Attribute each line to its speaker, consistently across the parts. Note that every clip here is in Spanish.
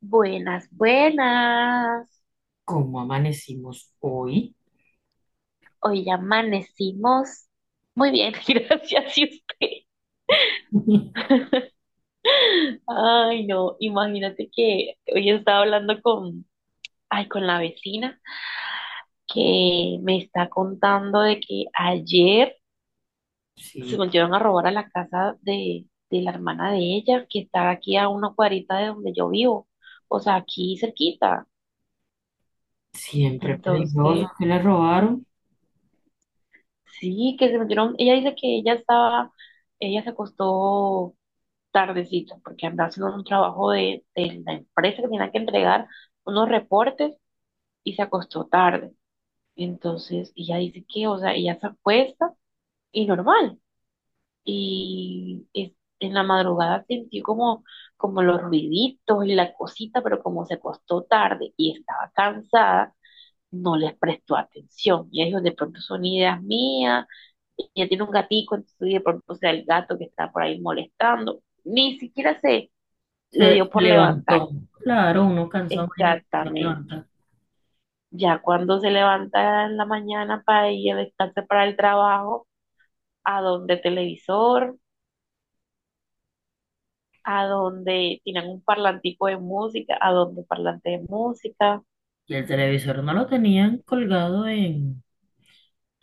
Speaker 1: Buenas, buenas.
Speaker 2: Como amanecimos hoy.
Speaker 1: Hoy ya amanecimos muy bien, gracias. ¿Y usted? Ay, no, imagínate que hoy estaba hablando ay, con la vecina que me está contando de que ayer se
Speaker 2: Sí,
Speaker 1: volvieron a robar a la casa de la hermana de ella, que está aquí a una cuadrita de donde yo vivo, o sea, aquí cerquita.
Speaker 2: siempre peligroso
Speaker 1: Entonces,
Speaker 2: que le robaron.
Speaker 1: sí, que se metieron, ella dice que ella se acostó tardecito porque andaba haciendo un trabajo de la empresa que tenía que entregar unos reportes y se acostó tarde. Entonces, ella dice que, o sea, ella se acuesta y normal. Y es- en la madrugada sintió como, como los ruiditos y la cosita, pero como se acostó tarde y estaba cansada, no les presto atención. Y ahí es donde de pronto son ideas mías, y ya tiene un gatico, entonces de pronto sea el gato que está por ahí molestando. Ni siquiera se le
Speaker 2: Se
Speaker 1: dio por levantar.
Speaker 2: levantó. Claro, uno cansado, imagínate, se
Speaker 1: Exactamente.
Speaker 2: levanta.
Speaker 1: Ya cuando se levanta en la mañana para ir a descansar para el trabajo, a donde televisor, a donde tienen un parlantico de música, a donde parlante de música.
Speaker 2: Y el televisor no lo tenían colgado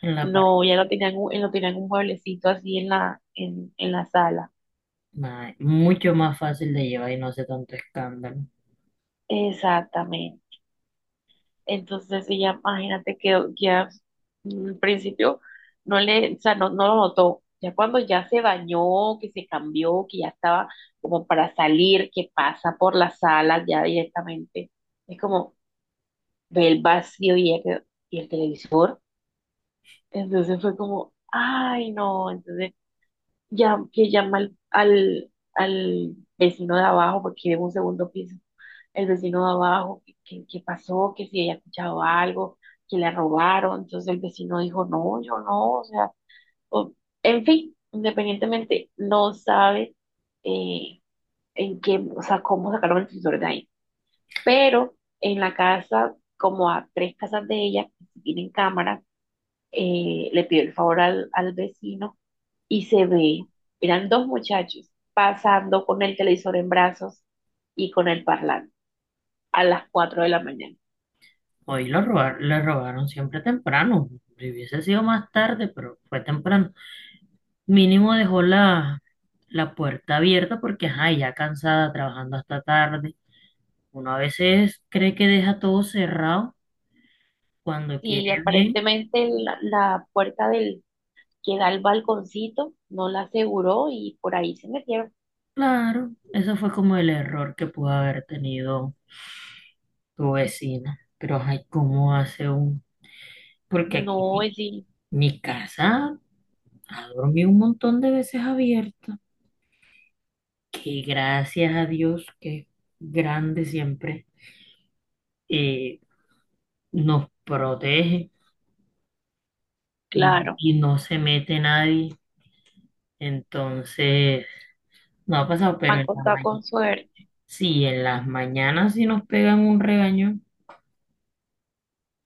Speaker 2: en la pared.
Speaker 1: No, ya lo tenían, lo tenían un mueblecito así en en la sala.
Speaker 2: Nada, mucho más fácil de llevar y no hace tanto escándalo.
Speaker 1: Exactamente. Entonces ella, imagínate que ya al principio no le, o sea, no lo notó. Ya cuando ya se bañó, que se cambió, que ya estaba como para salir, que pasa por la sala ya directamente, es como ve el vacío y, y el televisor. Entonces fue como, ay no, entonces ya que llama al vecino de abajo porque vive en un segundo piso el vecino de abajo, que pasó, que si ella escuchado algo, que le robaron. Entonces el vecino dijo, no, yo no, o sea, o- en fin, independientemente, no sabe eh, en qué, o sea, cómo sacaron el televisor de ahí. Pero en la casa, como a tres casas de ella, que sí tienen cámara, le pidió el favor al vecino y se ve, eran dos muchachos pasando con el televisor en brazos y con el parlante a las cuatro de la mañana.
Speaker 2: Hoy lo robar, le robaron siempre temprano. Si hubiese sido más tarde, pero fue temprano. Mínimo dejó la, la puerta abierta porque, ajá, ya cansada, trabajando hasta tarde. Uno a veces cree que deja todo cerrado cuando quiere
Speaker 1: Y
Speaker 2: bien.
Speaker 1: aparentemente la puerta del que da al balconcito no la aseguró y por ahí se metieron.
Speaker 2: Claro, eso fue como el error que pudo haber tenido tu vecina. Pero, ay, ¿cómo hace un...? Porque
Speaker 1: No,
Speaker 2: aquí mi,
Speaker 1: sí,
Speaker 2: mi casa ha dormido un montón de veces abierta. Que gracias a Dios, que es grande siempre, eh, nos protege
Speaker 1: claro,
Speaker 2: y no se mete nadie. Entonces, no ha pasado, pero
Speaker 1: han
Speaker 2: en la
Speaker 1: contado
Speaker 2: mañana.
Speaker 1: con suerte.
Speaker 2: Sí, en las mañanas sí nos pegan un regaño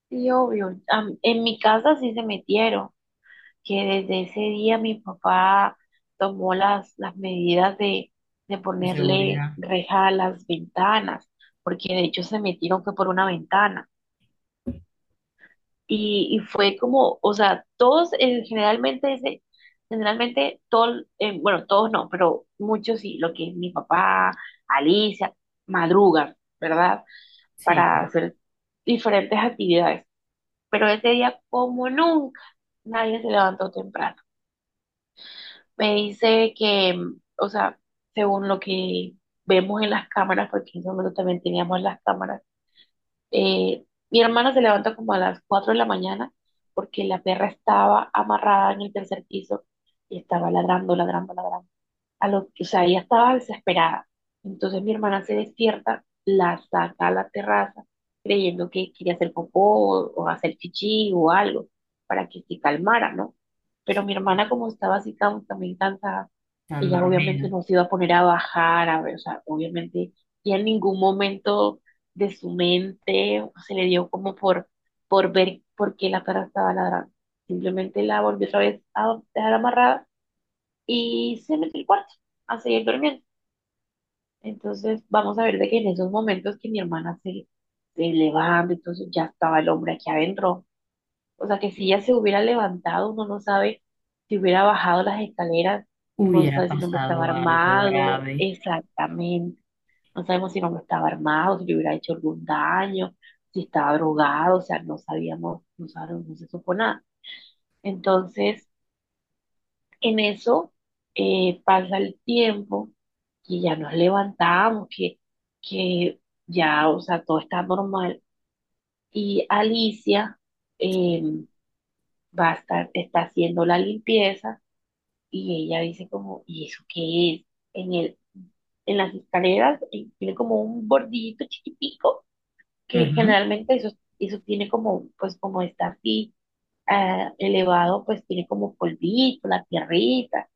Speaker 1: Sí, obvio. A en mi casa sí se metieron, que desde ese día mi papá tomó las medidas de
Speaker 2: de
Speaker 1: ponerle
Speaker 2: seguridad.
Speaker 1: reja a las ventanas, porque de hecho se metieron que por una ventana. Y fue como, o sea, todos generalmente, generalmente todo, bueno, todos no, pero muchos sí, lo que es mi papá, Alicia, madrugan, ¿verdad?
Speaker 2: Sí,
Speaker 1: Para hacer diferentes actividades. Pero ese día, como nunca, nadie se levantó temprano. Me dice que, mm, o sea, según lo que vemos en las cámaras, porque en ese momento también teníamos las cámaras, mi hermana se levanta como a las 4 de la mañana porque la perra estaba amarrada en el tercer piso y estaba ladrando, ladrando, ladrando a lo, o sea, ella estaba desesperada. Entonces mi hermana se despierta, la saca a la terraza, creyendo que quería hacer popó o hacer chichi o algo para que se calmara, ¿no? Pero
Speaker 2: sí,
Speaker 1: mi hermana, como estaba así tan, también cansada,
Speaker 2: están
Speaker 1: ella obviamente
Speaker 2: dormidas.
Speaker 1: no se iba a poner a bajar, a ver, o sea, obviamente, y en ningún momento de su mente se le dio como por ver por qué la perra estaba ladrando. Simplemente la volvió otra vez a dejar amarrada y se metió al cuarto a seguir durmiendo. Entonces, vamos a ver de que en esos momentos que se levanta, entonces ya estaba el hombre aquí adentro. O sea, que si ella se hubiera levantado, uno no sabe si hubiera bajado las escaleras, no
Speaker 2: Hubiera
Speaker 1: sabe si el hombre estaba
Speaker 2: pasado algo
Speaker 1: armado,
Speaker 2: grave.
Speaker 1: exactamente. No sabemos si el hombre estaba armado, si le hubiera hecho algún daño, si estaba drogado, o sea, no sabíamos, no sabemos, no se supo nada. Entonces, en eso pasa el tiempo y ya nos levantamos, que ya, o sea, todo está normal. Y Alicia eh, está haciendo la limpieza y ella dice como, ¿y eso qué es? En el, en las escaleras tiene como un bordillito chiquitico, que
Speaker 2: Ujú.
Speaker 1: generalmente eso, eso tiene como, pues como está así ah, elevado, pues tiene como polvito, la tierrita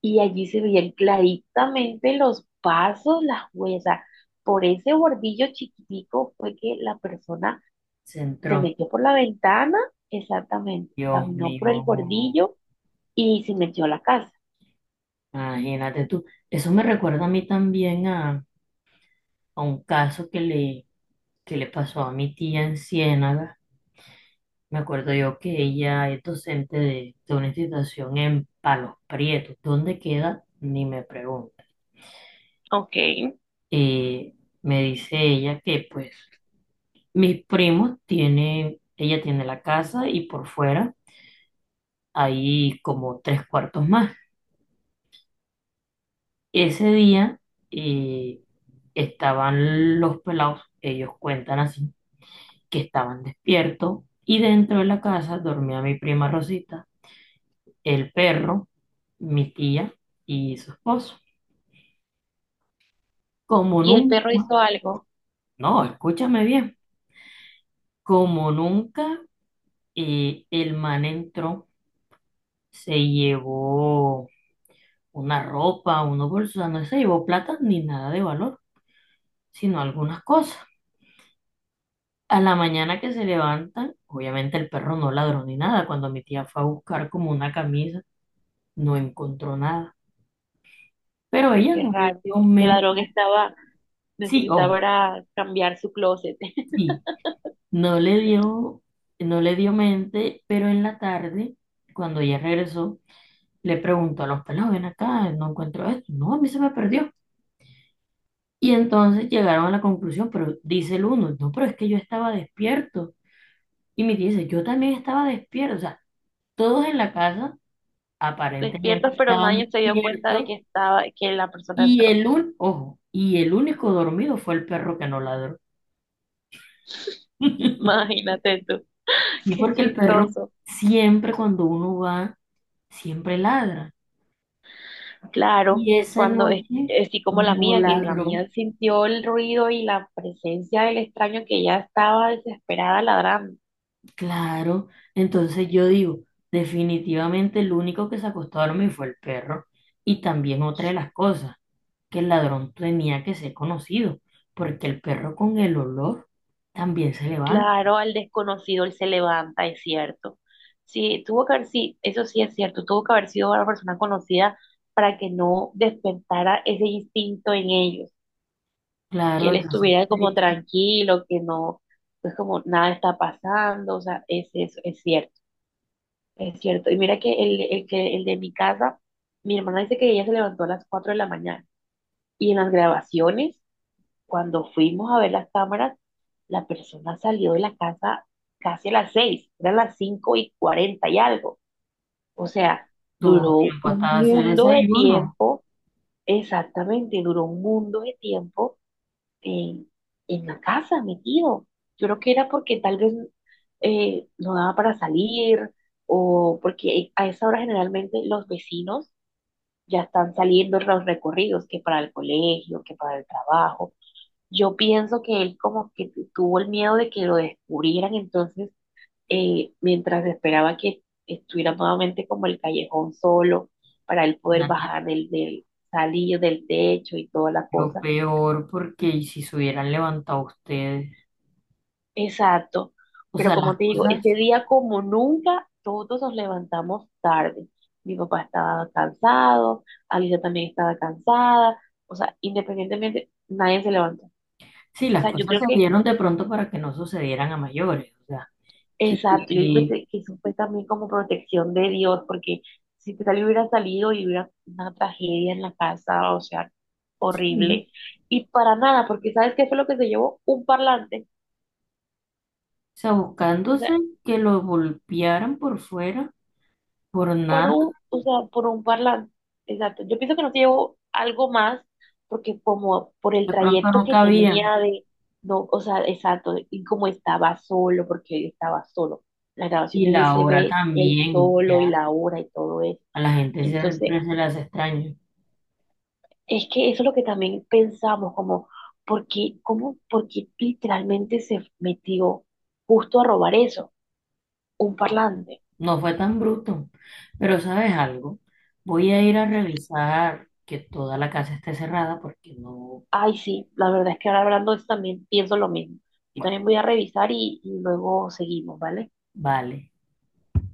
Speaker 1: y allí se veían claritamente los pasos, las huellas. O sea, por ese bordillo chiquitico fue que la persona
Speaker 2: Se
Speaker 1: se
Speaker 2: entró.
Speaker 1: metió por la ventana, exactamente,
Speaker 2: Dios
Speaker 1: caminó por el
Speaker 2: mío,
Speaker 1: bordillo y se metió a la casa.
Speaker 2: imagínate tú. Eso me recuerda a mí también a un caso que le pasó a mi tía en Ciénaga. Me acuerdo yo que ella es docente de una institución en Palos Prietos. ¿Dónde queda? Ni me pregunta.
Speaker 1: Ok.
Speaker 2: Eh, me dice ella que pues mis primos tienen, ella tiene la casa y por fuera hay como tres cuartos más. Ese día eh, estaban los pelados, ellos cuentan así, que estaban despiertos y dentro de la casa dormía mi prima Rosita, el perro, mi tía y su esposo. Como
Speaker 1: Y el perro
Speaker 2: nunca,
Speaker 1: hizo algo,
Speaker 2: no, escúchame bien, como nunca el man entró, se llevó una ropa, unos bolsos, o sea, no se llevó plata ni nada de valor, sino algunas cosas. A la mañana que se levantan, obviamente el perro no ladró ni nada. Cuando mi tía fue a buscar como una camisa, no encontró nada. Pero ella
Speaker 1: qué
Speaker 2: no le
Speaker 1: raro.
Speaker 2: dio
Speaker 1: Ese
Speaker 2: mente.
Speaker 1: ladrón estaba,
Speaker 2: Sí,
Speaker 1: necesitaba
Speaker 2: ojo,
Speaker 1: era cambiar su closet.
Speaker 2: sí, no le dio, no le dio mente, pero en la tarde, cuando ella regresó, le preguntó a los pelados, ven acá, no encuentro esto. No, a mí se me perdió. Y entonces llegaron a la conclusión, pero dice el uno, no, pero es que yo estaba despierto. Y me dice, yo también estaba despierto, o sea, todos en la casa
Speaker 1: Despierto,
Speaker 2: aparentemente
Speaker 1: pero
Speaker 2: estaban
Speaker 1: nadie se dio cuenta de
Speaker 2: despiertos
Speaker 1: que estaba, que la persona
Speaker 2: y
Speaker 1: entró.
Speaker 2: el un, ojo, y el único dormido fue el perro que no ladró.
Speaker 1: Imagínate tú,
Speaker 2: Y
Speaker 1: qué
Speaker 2: porque el perro
Speaker 1: chistoso.
Speaker 2: siempre cuando uno va, siempre ladra.
Speaker 1: Claro,
Speaker 2: Y esa
Speaker 1: cuando es
Speaker 2: noche
Speaker 1: es así como la
Speaker 2: no
Speaker 1: mía, que la
Speaker 2: ladró,
Speaker 1: mía sintió el ruido y la presencia del extraño que ya estaba desesperada ladrando.
Speaker 2: claro. Entonces yo digo, definitivamente el único que se acostó a dormir fue el perro. Y también otra de las cosas, que el ladrón tenía que ser conocido, porque el perro con el olor también se levanta.
Speaker 1: Claro, al desconocido él se levanta, es cierto. Sí, tuvo que haber, sí, eso sí es cierto, tuvo que haber sido una persona conocida para que no despertara ese instinto en ellos, que
Speaker 2: Claro,
Speaker 1: él
Speaker 2: esa
Speaker 1: estuviera como
Speaker 2: sospecha
Speaker 1: tranquilo, que no, pues como nada está pasando, o sea, es cierto. Es cierto. Y mira que el de mi casa, mi hermana dice que ella se levantó a las 4 de la mañana. Y en las grabaciones, cuando fuimos a ver las cámaras, la persona salió de la casa casi a las seis, eran las 5 y 40 y algo. O sea,
Speaker 2: tuvo
Speaker 1: duró
Speaker 2: tiempo
Speaker 1: un
Speaker 2: hasta hacer
Speaker 1: mundo de
Speaker 2: desayuno.
Speaker 1: tiempo, exactamente, duró un mundo de tiempo en, en la casa, metido. Yo creo que era porque tal vez no daba para salir o porque a esa hora generalmente los vecinos ya están saliendo los recorridos, que para el colegio, que para el trabajo. Yo pienso que él como que tuvo el miedo de que lo descubrieran, entonces mientras esperaba que estuviera nuevamente como el callejón solo para él poder
Speaker 2: Imagínate,
Speaker 1: bajar del salillo del techo y toda la
Speaker 2: lo
Speaker 1: cosa.
Speaker 2: peor, porque ¿y si se hubieran levantado ustedes,
Speaker 1: Exacto,
Speaker 2: o
Speaker 1: pero
Speaker 2: sea,
Speaker 1: como
Speaker 2: las
Speaker 1: te digo, ese
Speaker 2: cosas,
Speaker 1: día como nunca, todos nos levantamos tarde. Mi papá estaba cansado, Alicia también estaba cansada, o sea, independientemente, nadie se levantó. O
Speaker 2: sí, las
Speaker 1: sea, yo
Speaker 2: cosas se
Speaker 1: creo que,
Speaker 2: dieron de pronto para que no sucedieran a mayores, o sea, que,
Speaker 1: exacto, yo digo
Speaker 2: que-
Speaker 1: que eso fue también como protección de Dios, porque si tal hubiera salido y hubiera una tragedia en la casa, o sea,
Speaker 2: sí,
Speaker 1: horrible. Y para nada, porque ¿sabes qué fue lo que se llevó? Un parlante.
Speaker 2: o sea,
Speaker 1: O
Speaker 2: buscándose
Speaker 1: sea,
Speaker 2: que lo golpearan por fuera, por
Speaker 1: por
Speaker 2: nada,
Speaker 1: un, o sea, por un parlante. Exacto. Yo pienso que no se llevó algo más porque como por el
Speaker 2: de pronto
Speaker 1: trayecto
Speaker 2: no
Speaker 1: que
Speaker 2: cabían.
Speaker 1: tenía de, no, o sea, exacto, y como estaba solo, porque él estaba solo. Las
Speaker 2: Y
Speaker 1: grabaciones él
Speaker 2: la
Speaker 1: se
Speaker 2: hora
Speaker 1: ve él
Speaker 2: también,
Speaker 1: solo y
Speaker 2: ya
Speaker 1: la hora y todo eso.
Speaker 2: a la gente
Speaker 1: Entonces,
Speaker 2: siempre se le hace extraño.
Speaker 1: es que eso es lo que también pensamos, como, ¿por qué, cómo, por qué literalmente se metió justo a robar eso? Un
Speaker 2: No,
Speaker 1: parlante.
Speaker 2: no fue tan bruto. Pero ¿sabes algo? Voy a ir a revisar que toda la casa esté cerrada porque no,
Speaker 1: Ay, sí, la verdad es que ahora hablando de esto también pienso lo mismo. Yo
Speaker 2: bueno,
Speaker 1: también voy a revisar y luego seguimos, ¿vale?
Speaker 2: vale.